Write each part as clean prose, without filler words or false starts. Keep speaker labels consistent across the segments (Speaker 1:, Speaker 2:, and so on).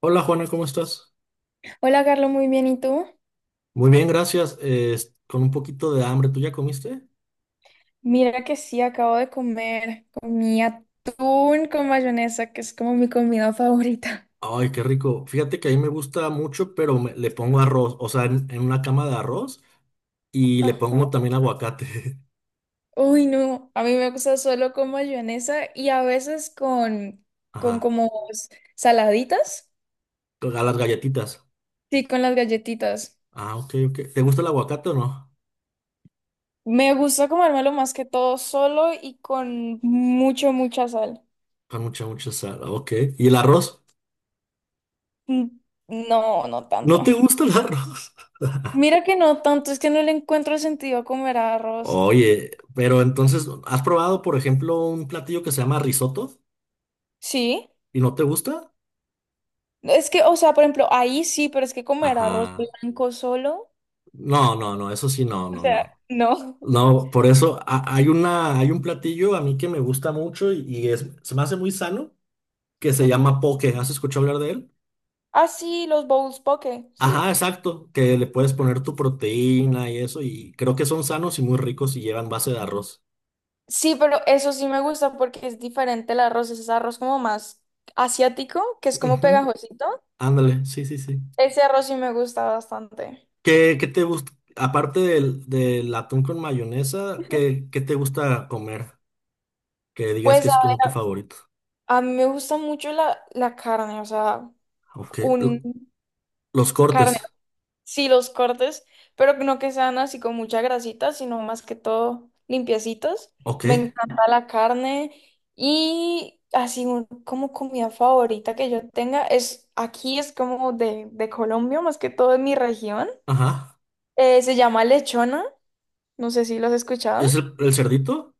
Speaker 1: Hola Juana, ¿cómo estás?
Speaker 2: Hola, Carlos, muy bien. ¿Y tú?
Speaker 1: Muy bien, gracias. Con un poquito de hambre, ¿tú ya comiste?
Speaker 2: Mira que sí, acabo de comer. Comí atún con mayonesa, que es como mi comida favorita.
Speaker 1: Ay, qué rico. Fíjate que a mí me gusta mucho, pero le pongo arroz, o sea, en una cama de arroz y le
Speaker 2: Ajá.
Speaker 1: pongo también aguacate.
Speaker 2: Uy, no. A mí me gusta solo con mayonesa y a veces con, con
Speaker 1: Ajá,
Speaker 2: como saladitas.
Speaker 1: a las galletitas.
Speaker 2: Sí, con las galletitas.
Speaker 1: Ah, ok, ok. ¿Te gusta el aguacate o no?
Speaker 2: Me gusta comérmelo más que todo solo y con mucha sal.
Speaker 1: Con mucha, mucha sal. Ah, ok. ¿Y el arroz?
Speaker 2: Mm, no, no tanto.
Speaker 1: ¿No te gusta el arroz?
Speaker 2: Mira que no tanto, es que no le encuentro sentido a comer arroz.
Speaker 1: Oye, pero entonces, ¿has probado, por ejemplo, un platillo que se llama risotto
Speaker 2: Sí.
Speaker 1: y no te gusta?
Speaker 2: Es que, o sea, por ejemplo, ahí sí, pero es que como era arroz
Speaker 1: Ajá.
Speaker 2: blanco solo,
Speaker 1: No, no, no, eso sí, no,
Speaker 2: o
Speaker 1: no,
Speaker 2: sea,
Speaker 1: no.
Speaker 2: no.
Speaker 1: No, por eso hay hay un platillo a mí que me gusta mucho y es, se me hace muy sano, que se
Speaker 2: Ujú.
Speaker 1: llama poke. ¿Has escuchado hablar de él?
Speaker 2: Ah, sí, los bowls poke, ¿sí?
Speaker 1: Ajá, exacto, que le puedes poner tu proteína y eso, y creo que son sanos y muy ricos y llevan base de arroz.
Speaker 2: Sí, pero eso sí me gusta porque es diferente el arroz, es arroz como más asiático, que es como
Speaker 1: Ujú,
Speaker 2: pegajosito.
Speaker 1: ándale, sí, sí, sí.
Speaker 2: Ese arroz sí me gusta bastante.
Speaker 1: ¿Qué, qué te gusta, aparte del atún con mayonesa, ¿qué, qué te gusta comer? Que digas que
Speaker 2: Pues a
Speaker 1: es como tu
Speaker 2: ver,
Speaker 1: favorito.
Speaker 2: a mí me gusta mucho la carne, o sea,
Speaker 1: Ok,
Speaker 2: un
Speaker 1: los
Speaker 2: carne
Speaker 1: cortes.
Speaker 2: sí, los cortes, pero no que sean así con mucha grasita, sino más que todo limpiecitos.
Speaker 1: Ok,
Speaker 2: Me encanta la carne y así como comida favorita que yo tenga es aquí es como de Colombia, más que todo en mi región.
Speaker 1: ajá.
Speaker 2: Se llama lechona, no sé si lo has
Speaker 1: ¿Es
Speaker 2: escuchado.
Speaker 1: el cerdito?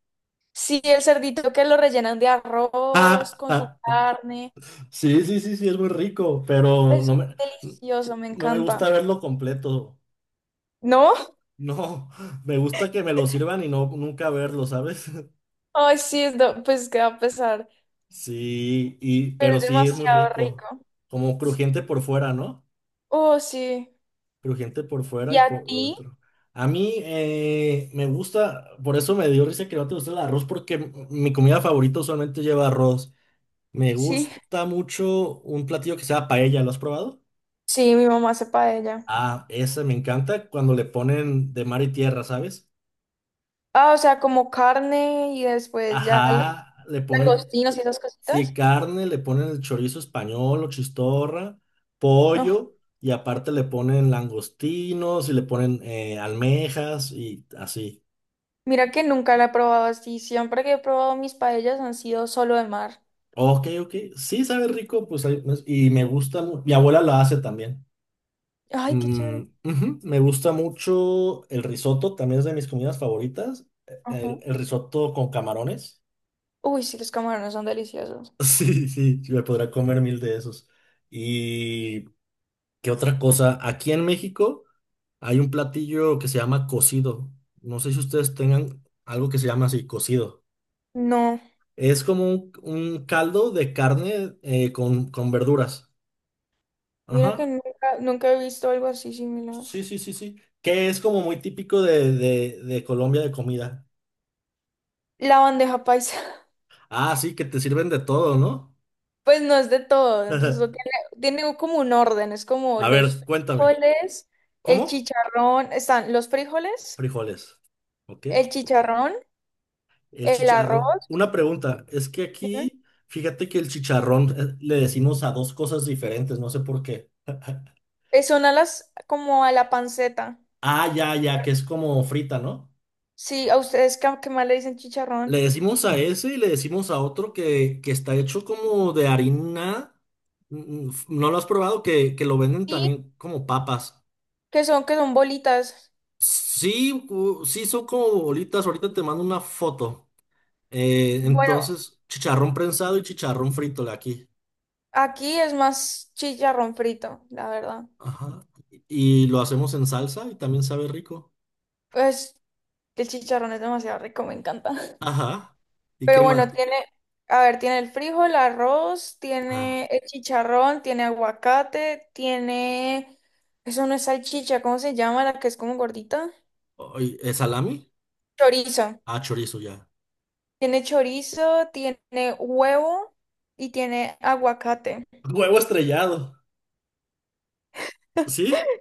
Speaker 2: Sí, el cerdito que lo rellenan de arroz con su carne.
Speaker 1: Sí, sí, sí, sí, es muy rico, pero
Speaker 2: Es delicioso, me
Speaker 1: no me
Speaker 2: encanta.
Speaker 1: gusta verlo completo.
Speaker 2: ¿No?
Speaker 1: No, me gusta que me lo sirvan y no nunca verlo, ¿sabes?
Speaker 2: Ay, sí, pues queda a pesar,
Speaker 1: Sí, y
Speaker 2: pero
Speaker 1: pero
Speaker 2: es
Speaker 1: sí es muy
Speaker 2: demasiado
Speaker 1: rico.
Speaker 2: rico.
Speaker 1: Como crujiente por fuera, ¿no?
Speaker 2: Oh, sí.
Speaker 1: Crujiente por fuera
Speaker 2: ¿Y
Speaker 1: y
Speaker 2: a
Speaker 1: por
Speaker 2: ti?
Speaker 1: dentro. A mí me gusta, por eso me dio risa que no te gusta el arroz, porque mi comida favorita usualmente lleva arroz. Me
Speaker 2: Sí,
Speaker 1: gusta mucho un platillo que sea paella, ¿lo has probado?
Speaker 2: sí, mi mamá hace paella.
Speaker 1: Ah, esa me encanta cuando le ponen de mar y tierra, ¿sabes?
Speaker 2: Ah, o sea, como carne y después ya
Speaker 1: Ajá, le ponen,
Speaker 2: langostinos y esas
Speaker 1: sí,
Speaker 2: cositas.
Speaker 1: carne, le ponen el chorizo español o chistorra,
Speaker 2: Oh,
Speaker 1: pollo, y aparte le ponen langostinos y le ponen almejas y así.
Speaker 2: mira que nunca la he probado así. Siempre que he probado mis paellas han sido solo de mar.
Speaker 1: Ok, ok, sí, sabe rico, pues pues, y me gusta, mi abuela lo hace también.
Speaker 2: Ay, qué
Speaker 1: Mm,
Speaker 2: chévere.
Speaker 1: ujú, me gusta mucho el risotto, también es de mis comidas favoritas, e,
Speaker 2: Ajá.
Speaker 1: el risotto con camarones.
Speaker 2: Uy, sí, los camarones son deliciosos.
Speaker 1: Sí, sí, sí, me podrá comer mil de esos. ¿Y qué otra cosa? Aquí en México hay un platillo que se llama cocido. No sé si ustedes tengan algo que se llama así, cocido.
Speaker 2: No,
Speaker 1: Es como un caldo de carne con verduras.
Speaker 2: mira que
Speaker 1: Ajá.
Speaker 2: nunca, nunca he visto algo así similar.
Speaker 1: Sí, sí, sí, sí. Que es como muy típico de Colombia de comida.
Speaker 2: La bandeja paisa.
Speaker 1: Ah, sí, que te sirven de todo, ¿no?
Speaker 2: Pues no es de todo, entonces eso tiene, tiene como un orden, es como
Speaker 1: A ver,
Speaker 2: los
Speaker 1: cuéntame.
Speaker 2: frijoles, el
Speaker 1: ¿Cómo?
Speaker 2: chicharrón, están los frijoles,
Speaker 1: Frijoles. ¿Ok?
Speaker 2: el chicharrón,
Speaker 1: El
Speaker 2: el
Speaker 1: chicharrón.
Speaker 2: arroz,
Speaker 1: Una pregunta, es que
Speaker 2: dime,
Speaker 1: aquí, fíjate que el chicharrón le decimos a dos cosas diferentes, no sé por qué.
Speaker 2: son a las, como a la panceta,
Speaker 1: Ah, ya, ya, que es como frita, ¿no?
Speaker 2: sí, a ustedes que más le dicen
Speaker 1: Le
Speaker 2: chicharrón,
Speaker 1: decimos a ese y le decimos a otro que está hecho como de harina. Mm, mm, ¿no lo has probado? Que lo venden
Speaker 2: y
Speaker 1: también como papas.
Speaker 2: que son bolitas,
Speaker 1: Sí, sí, son como bolitas. Ahorita te mando una foto.
Speaker 2: bueno,
Speaker 1: Entonces, chicharrón prensado y chicharrón frito de aquí.
Speaker 2: aquí es más chicharrón frito, la verdad,
Speaker 1: Ajá. Y lo hacemos en salsa y también sabe rico.
Speaker 2: pues el chicharrón es demasiado rico, me encanta.
Speaker 1: Ajá. ¿Y qué
Speaker 2: Pero bueno,
Speaker 1: más?
Speaker 2: tiene, a ver, tiene el frijol, el arroz,
Speaker 1: Ah,
Speaker 2: tiene el chicharrón, tiene aguacate, tiene, eso no es salchicha, ¿cómo se llama? La que es como gordita.
Speaker 1: oy, ¿es salami?
Speaker 2: Chorizo.
Speaker 1: Ah, chorizo ya.
Speaker 2: Tiene chorizo, tiene huevo y tiene aguacate.
Speaker 1: Huevo estrellado. ¿Sí?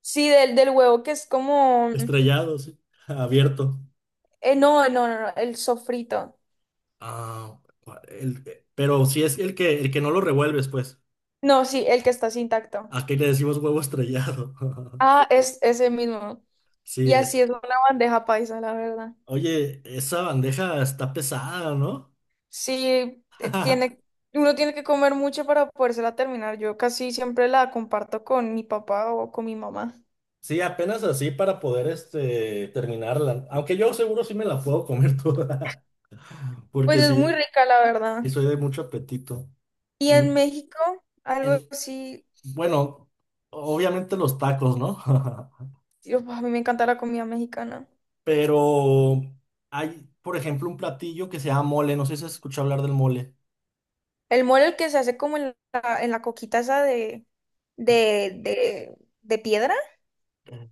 Speaker 2: Sí, del huevo que es como,
Speaker 1: Estrellado, sí. Abierto.
Speaker 2: no, el sofrito.
Speaker 1: Ah, pero si es el que no lo revuelves, pues.
Speaker 2: No, sí, el que está así intacto.
Speaker 1: Aquí le decimos huevo estrellado.
Speaker 2: Ah, es ese mismo.
Speaker 1: Sí,
Speaker 2: Y así
Speaker 1: es.
Speaker 2: es una bandeja paisa, la verdad.
Speaker 1: Oye, esa bandeja está pesada, ¿no?
Speaker 2: Sí, tiene, uno tiene que comer mucho para podérsela terminar. Yo casi siempre la comparto con mi papá o con mi mamá.
Speaker 1: Sí, apenas así para poder este, terminarla. Aunque yo seguro sí me la puedo comer toda.
Speaker 2: Pues
Speaker 1: Porque
Speaker 2: es muy
Speaker 1: sí,
Speaker 2: rica, la verdad.
Speaker 1: sí soy de mucho apetito.
Speaker 2: Y
Speaker 1: Mm.
Speaker 2: en México, algo
Speaker 1: en-
Speaker 2: así,
Speaker 1: Bueno, obviamente los tacos, ¿no?
Speaker 2: yo, a mí me encanta la comida mexicana.
Speaker 1: Pero hay, por ejemplo, un platillo que se llama mole. No sé si has escuchado hablar del mole.
Speaker 2: El mole, el que se hace como en la coquita esa de piedra.
Speaker 1: Eh,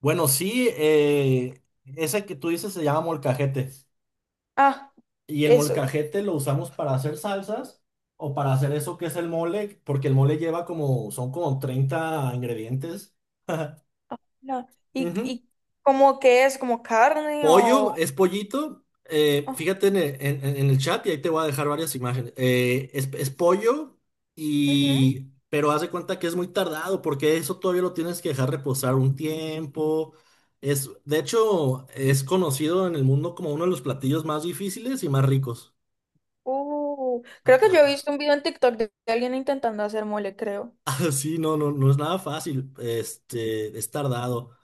Speaker 1: Bueno, sí, ese que tú dices se llama molcajete.
Speaker 2: Ah,
Speaker 1: Y el
Speaker 2: eso.
Speaker 1: molcajete lo usamos para hacer salsas o para hacer eso que es el mole, porque el mole lleva como, son como 30 ingredientes.
Speaker 2: Ah, no.
Speaker 1: Ujú.
Speaker 2: Y como que es como carne
Speaker 1: Pollo
Speaker 2: o...
Speaker 1: es pollito. Fíjate en el, en el chat y ahí te voy a dejar varias imágenes. Es pollo y... Pero haz de cuenta que es muy tardado porque eso todavía lo tienes que dejar reposar un tiempo. Es, de hecho, es conocido en el mundo como uno de los platillos más difíciles y más ricos. Ah,
Speaker 2: Creo que yo he
Speaker 1: ah.
Speaker 2: visto un video en TikTok de alguien intentando hacer mole, creo.
Speaker 1: Sí, no, no, no es nada fácil. Este, es tardado.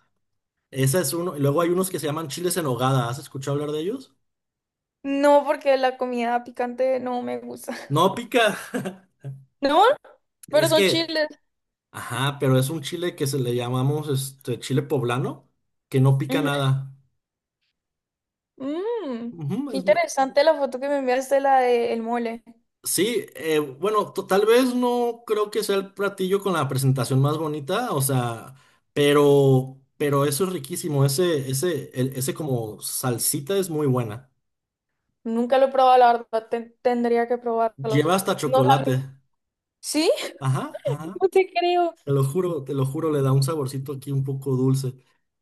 Speaker 1: Ese es uno. Y luego hay unos que se llaman chiles en nogada. ¿Has escuchado hablar de ellos?
Speaker 2: No, porque la comida picante no me gusta.
Speaker 1: No pica.
Speaker 2: No, pero
Speaker 1: Es
Speaker 2: son
Speaker 1: que
Speaker 2: chiles.
Speaker 1: ajá, pero es un chile que se le llamamos este chile poblano, que no pica
Speaker 2: Ujú.
Speaker 1: nada.
Speaker 2: Mm,
Speaker 1: Ujú,
Speaker 2: qué
Speaker 1: es muy-
Speaker 2: interesante la foto que me enviaste, la del mole.
Speaker 1: Sí, bueno, tal vez no creo que sea el platillo con la presentación más bonita, o sea, pero eso es riquísimo, ese, ese como salsita es muy buena.
Speaker 2: Nunca lo he probado, la verdad, tendría que
Speaker 1: Lleva
Speaker 2: probarlos.
Speaker 1: hasta
Speaker 2: No sabía.
Speaker 1: chocolate.
Speaker 2: ¿Sí?
Speaker 1: Ajá, ajá.
Speaker 2: No te creo.
Speaker 1: Te lo juro, le da un saborcito aquí un poco dulce.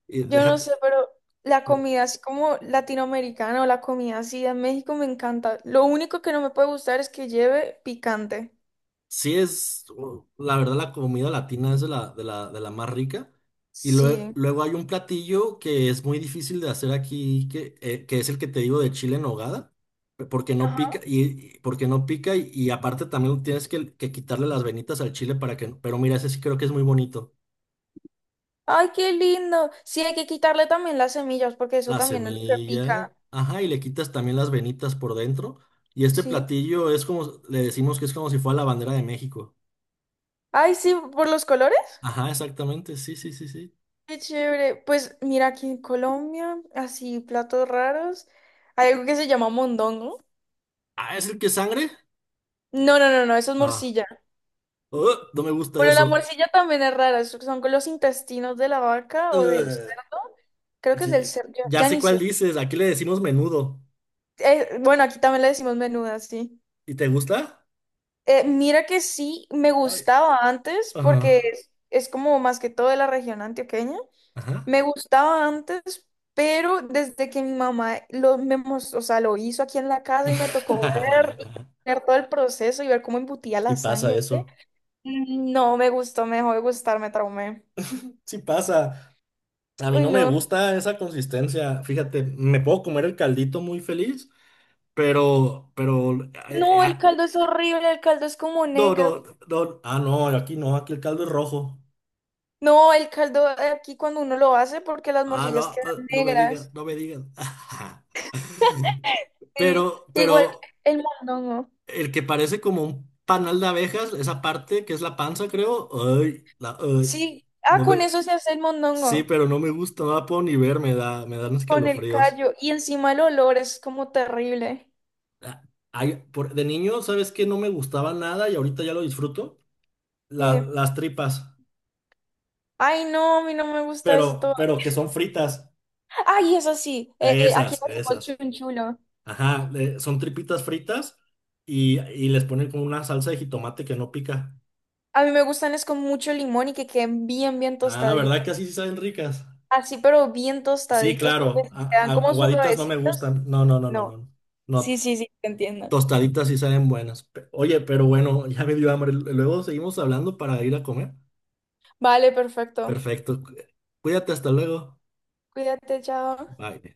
Speaker 1: Y
Speaker 2: Yo no
Speaker 1: déjate.
Speaker 2: sé, pero la comida así como latinoamericana o la comida así de México me encanta. Lo único que no me puede gustar es que lleve picante.
Speaker 1: Sí es, la verdad, la comida latina es de la, de la, de la más rica. Y
Speaker 2: Sí.
Speaker 1: luego hay un platillo que es muy difícil de hacer aquí, que es el que te digo de chile en nogada, porque no pica, porque no pica, y aparte también tienes que quitarle las venitas al chile para que, pero mira, ese sí creo que es muy bonito.
Speaker 2: Ay, qué lindo. Sí, hay que quitarle también las semillas porque eso
Speaker 1: Las
Speaker 2: también es lo que
Speaker 1: semillas,
Speaker 2: pica.
Speaker 1: ajá, y le quitas también las venitas por dentro. Y este
Speaker 2: Sí.
Speaker 1: platillo es como, le decimos que es como si fuera la bandera de México.
Speaker 2: Ay, sí, por los colores.
Speaker 1: Ajá, exactamente, sí, sí, sí, sí.
Speaker 2: Qué chévere. Pues mira, aquí en Colombia, así platos raros. Hay algo que se llama mondongo.
Speaker 1: Ah, ¿es el que es sangre?
Speaker 2: No, no, no, no, eso es
Speaker 1: Ah,
Speaker 2: morcilla.
Speaker 1: no me gusta
Speaker 2: Bueno, la
Speaker 1: eso.
Speaker 2: morcilla también es rara. Eso Son con los intestinos de la vaca o del
Speaker 1: Uh,
Speaker 2: cerdo. Creo que es del
Speaker 1: sí,
Speaker 2: cerdo,
Speaker 1: ya
Speaker 2: ya
Speaker 1: sé
Speaker 2: ni
Speaker 1: cuál
Speaker 2: sé.
Speaker 1: dices. Aquí le decimos menudo.
Speaker 2: Bueno, aquí también le decimos menuda, sí.
Speaker 1: ¿Y te gusta?
Speaker 2: Mira que sí, me
Speaker 1: Ay,
Speaker 2: gustaba antes porque
Speaker 1: ajá,
Speaker 2: es como más que todo de la región antioqueña.
Speaker 1: ajá.
Speaker 2: Me gustaba antes, pero desde que mi mamá lo, o sea, lo hizo aquí en la casa y me tocó ver, y ver todo el proceso y ver cómo embutía
Speaker 1: Sí
Speaker 2: la
Speaker 1: pasa
Speaker 2: sangre,
Speaker 1: eso.
Speaker 2: mm, no me gustó, me dejó de gustar, me traumé.
Speaker 1: Sí pasa. A mí
Speaker 2: Uy,
Speaker 1: no me
Speaker 2: no.
Speaker 1: gusta esa consistencia. Fíjate, me puedo comer el caldito muy feliz, pero, eh,
Speaker 2: No, el
Speaker 1: ah,
Speaker 2: caldo es horrible, el caldo es como
Speaker 1: no,
Speaker 2: negro.
Speaker 1: no, no. Ah, no, aquí no, aquí el caldo es rojo.
Speaker 2: No, el caldo aquí cuando uno lo hace porque las
Speaker 1: Ah, no,
Speaker 2: morcillas
Speaker 1: ah,
Speaker 2: quedan
Speaker 1: no me digas,
Speaker 2: negras.
Speaker 1: no me digas.
Speaker 2: Sí,
Speaker 1: Pero,
Speaker 2: igual
Speaker 1: pero.
Speaker 2: el mondongo.
Speaker 1: El que parece como un panal de abejas, esa parte que es la panza, creo. Ay, la, ay,
Speaker 2: Sí, ah,
Speaker 1: no
Speaker 2: con
Speaker 1: me-
Speaker 2: eso se hace el
Speaker 1: sí,
Speaker 2: mondongo,
Speaker 1: pero no me gusta, no la puedo ni ver, me da, me dan
Speaker 2: con el
Speaker 1: escalofríos.
Speaker 2: callo y encima el olor es como terrible.
Speaker 1: Ah, ay, de niño, ¿sabes qué? No me gustaba nada y ahorita ya lo disfruto.
Speaker 2: Sí.
Speaker 1: Las tripas,
Speaker 2: Ay, no, a mí no me gusta eso todo.
Speaker 1: pero que son fritas.
Speaker 2: Ay, eso sí, aquí
Speaker 1: Esas,
Speaker 2: le decimos
Speaker 1: esas.
Speaker 2: chunchulo.
Speaker 1: Ajá, son tripitas fritas y les ponen como una salsa de jitomate que no pica.
Speaker 2: A mí me gustan es con mucho limón y que queden bien, bien
Speaker 1: Ah, ¿verdad
Speaker 2: tostaditas.
Speaker 1: que así sí saben ricas?
Speaker 2: Así, pero bien
Speaker 1: Sí,
Speaker 2: tostaditas porque
Speaker 1: claro.
Speaker 2: si quedan como
Speaker 1: Aguaditas no me
Speaker 2: suavecitas.
Speaker 1: gustan. No, no, no, no,
Speaker 2: No.
Speaker 1: no.
Speaker 2: Sí,
Speaker 1: No,
Speaker 2: sí, sí, te entiendo.
Speaker 1: tostaditas sí saben buenas. Oye, pero bueno, ya me dio hambre. Luego seguimos hablando para ir a comer.
Speaker 2: Vale, perfecto.
Speaker 1: Perfecto. Cuídate, hasta luego.
Speaker 2: Cuídate, chao.
Speaker 1: Bye.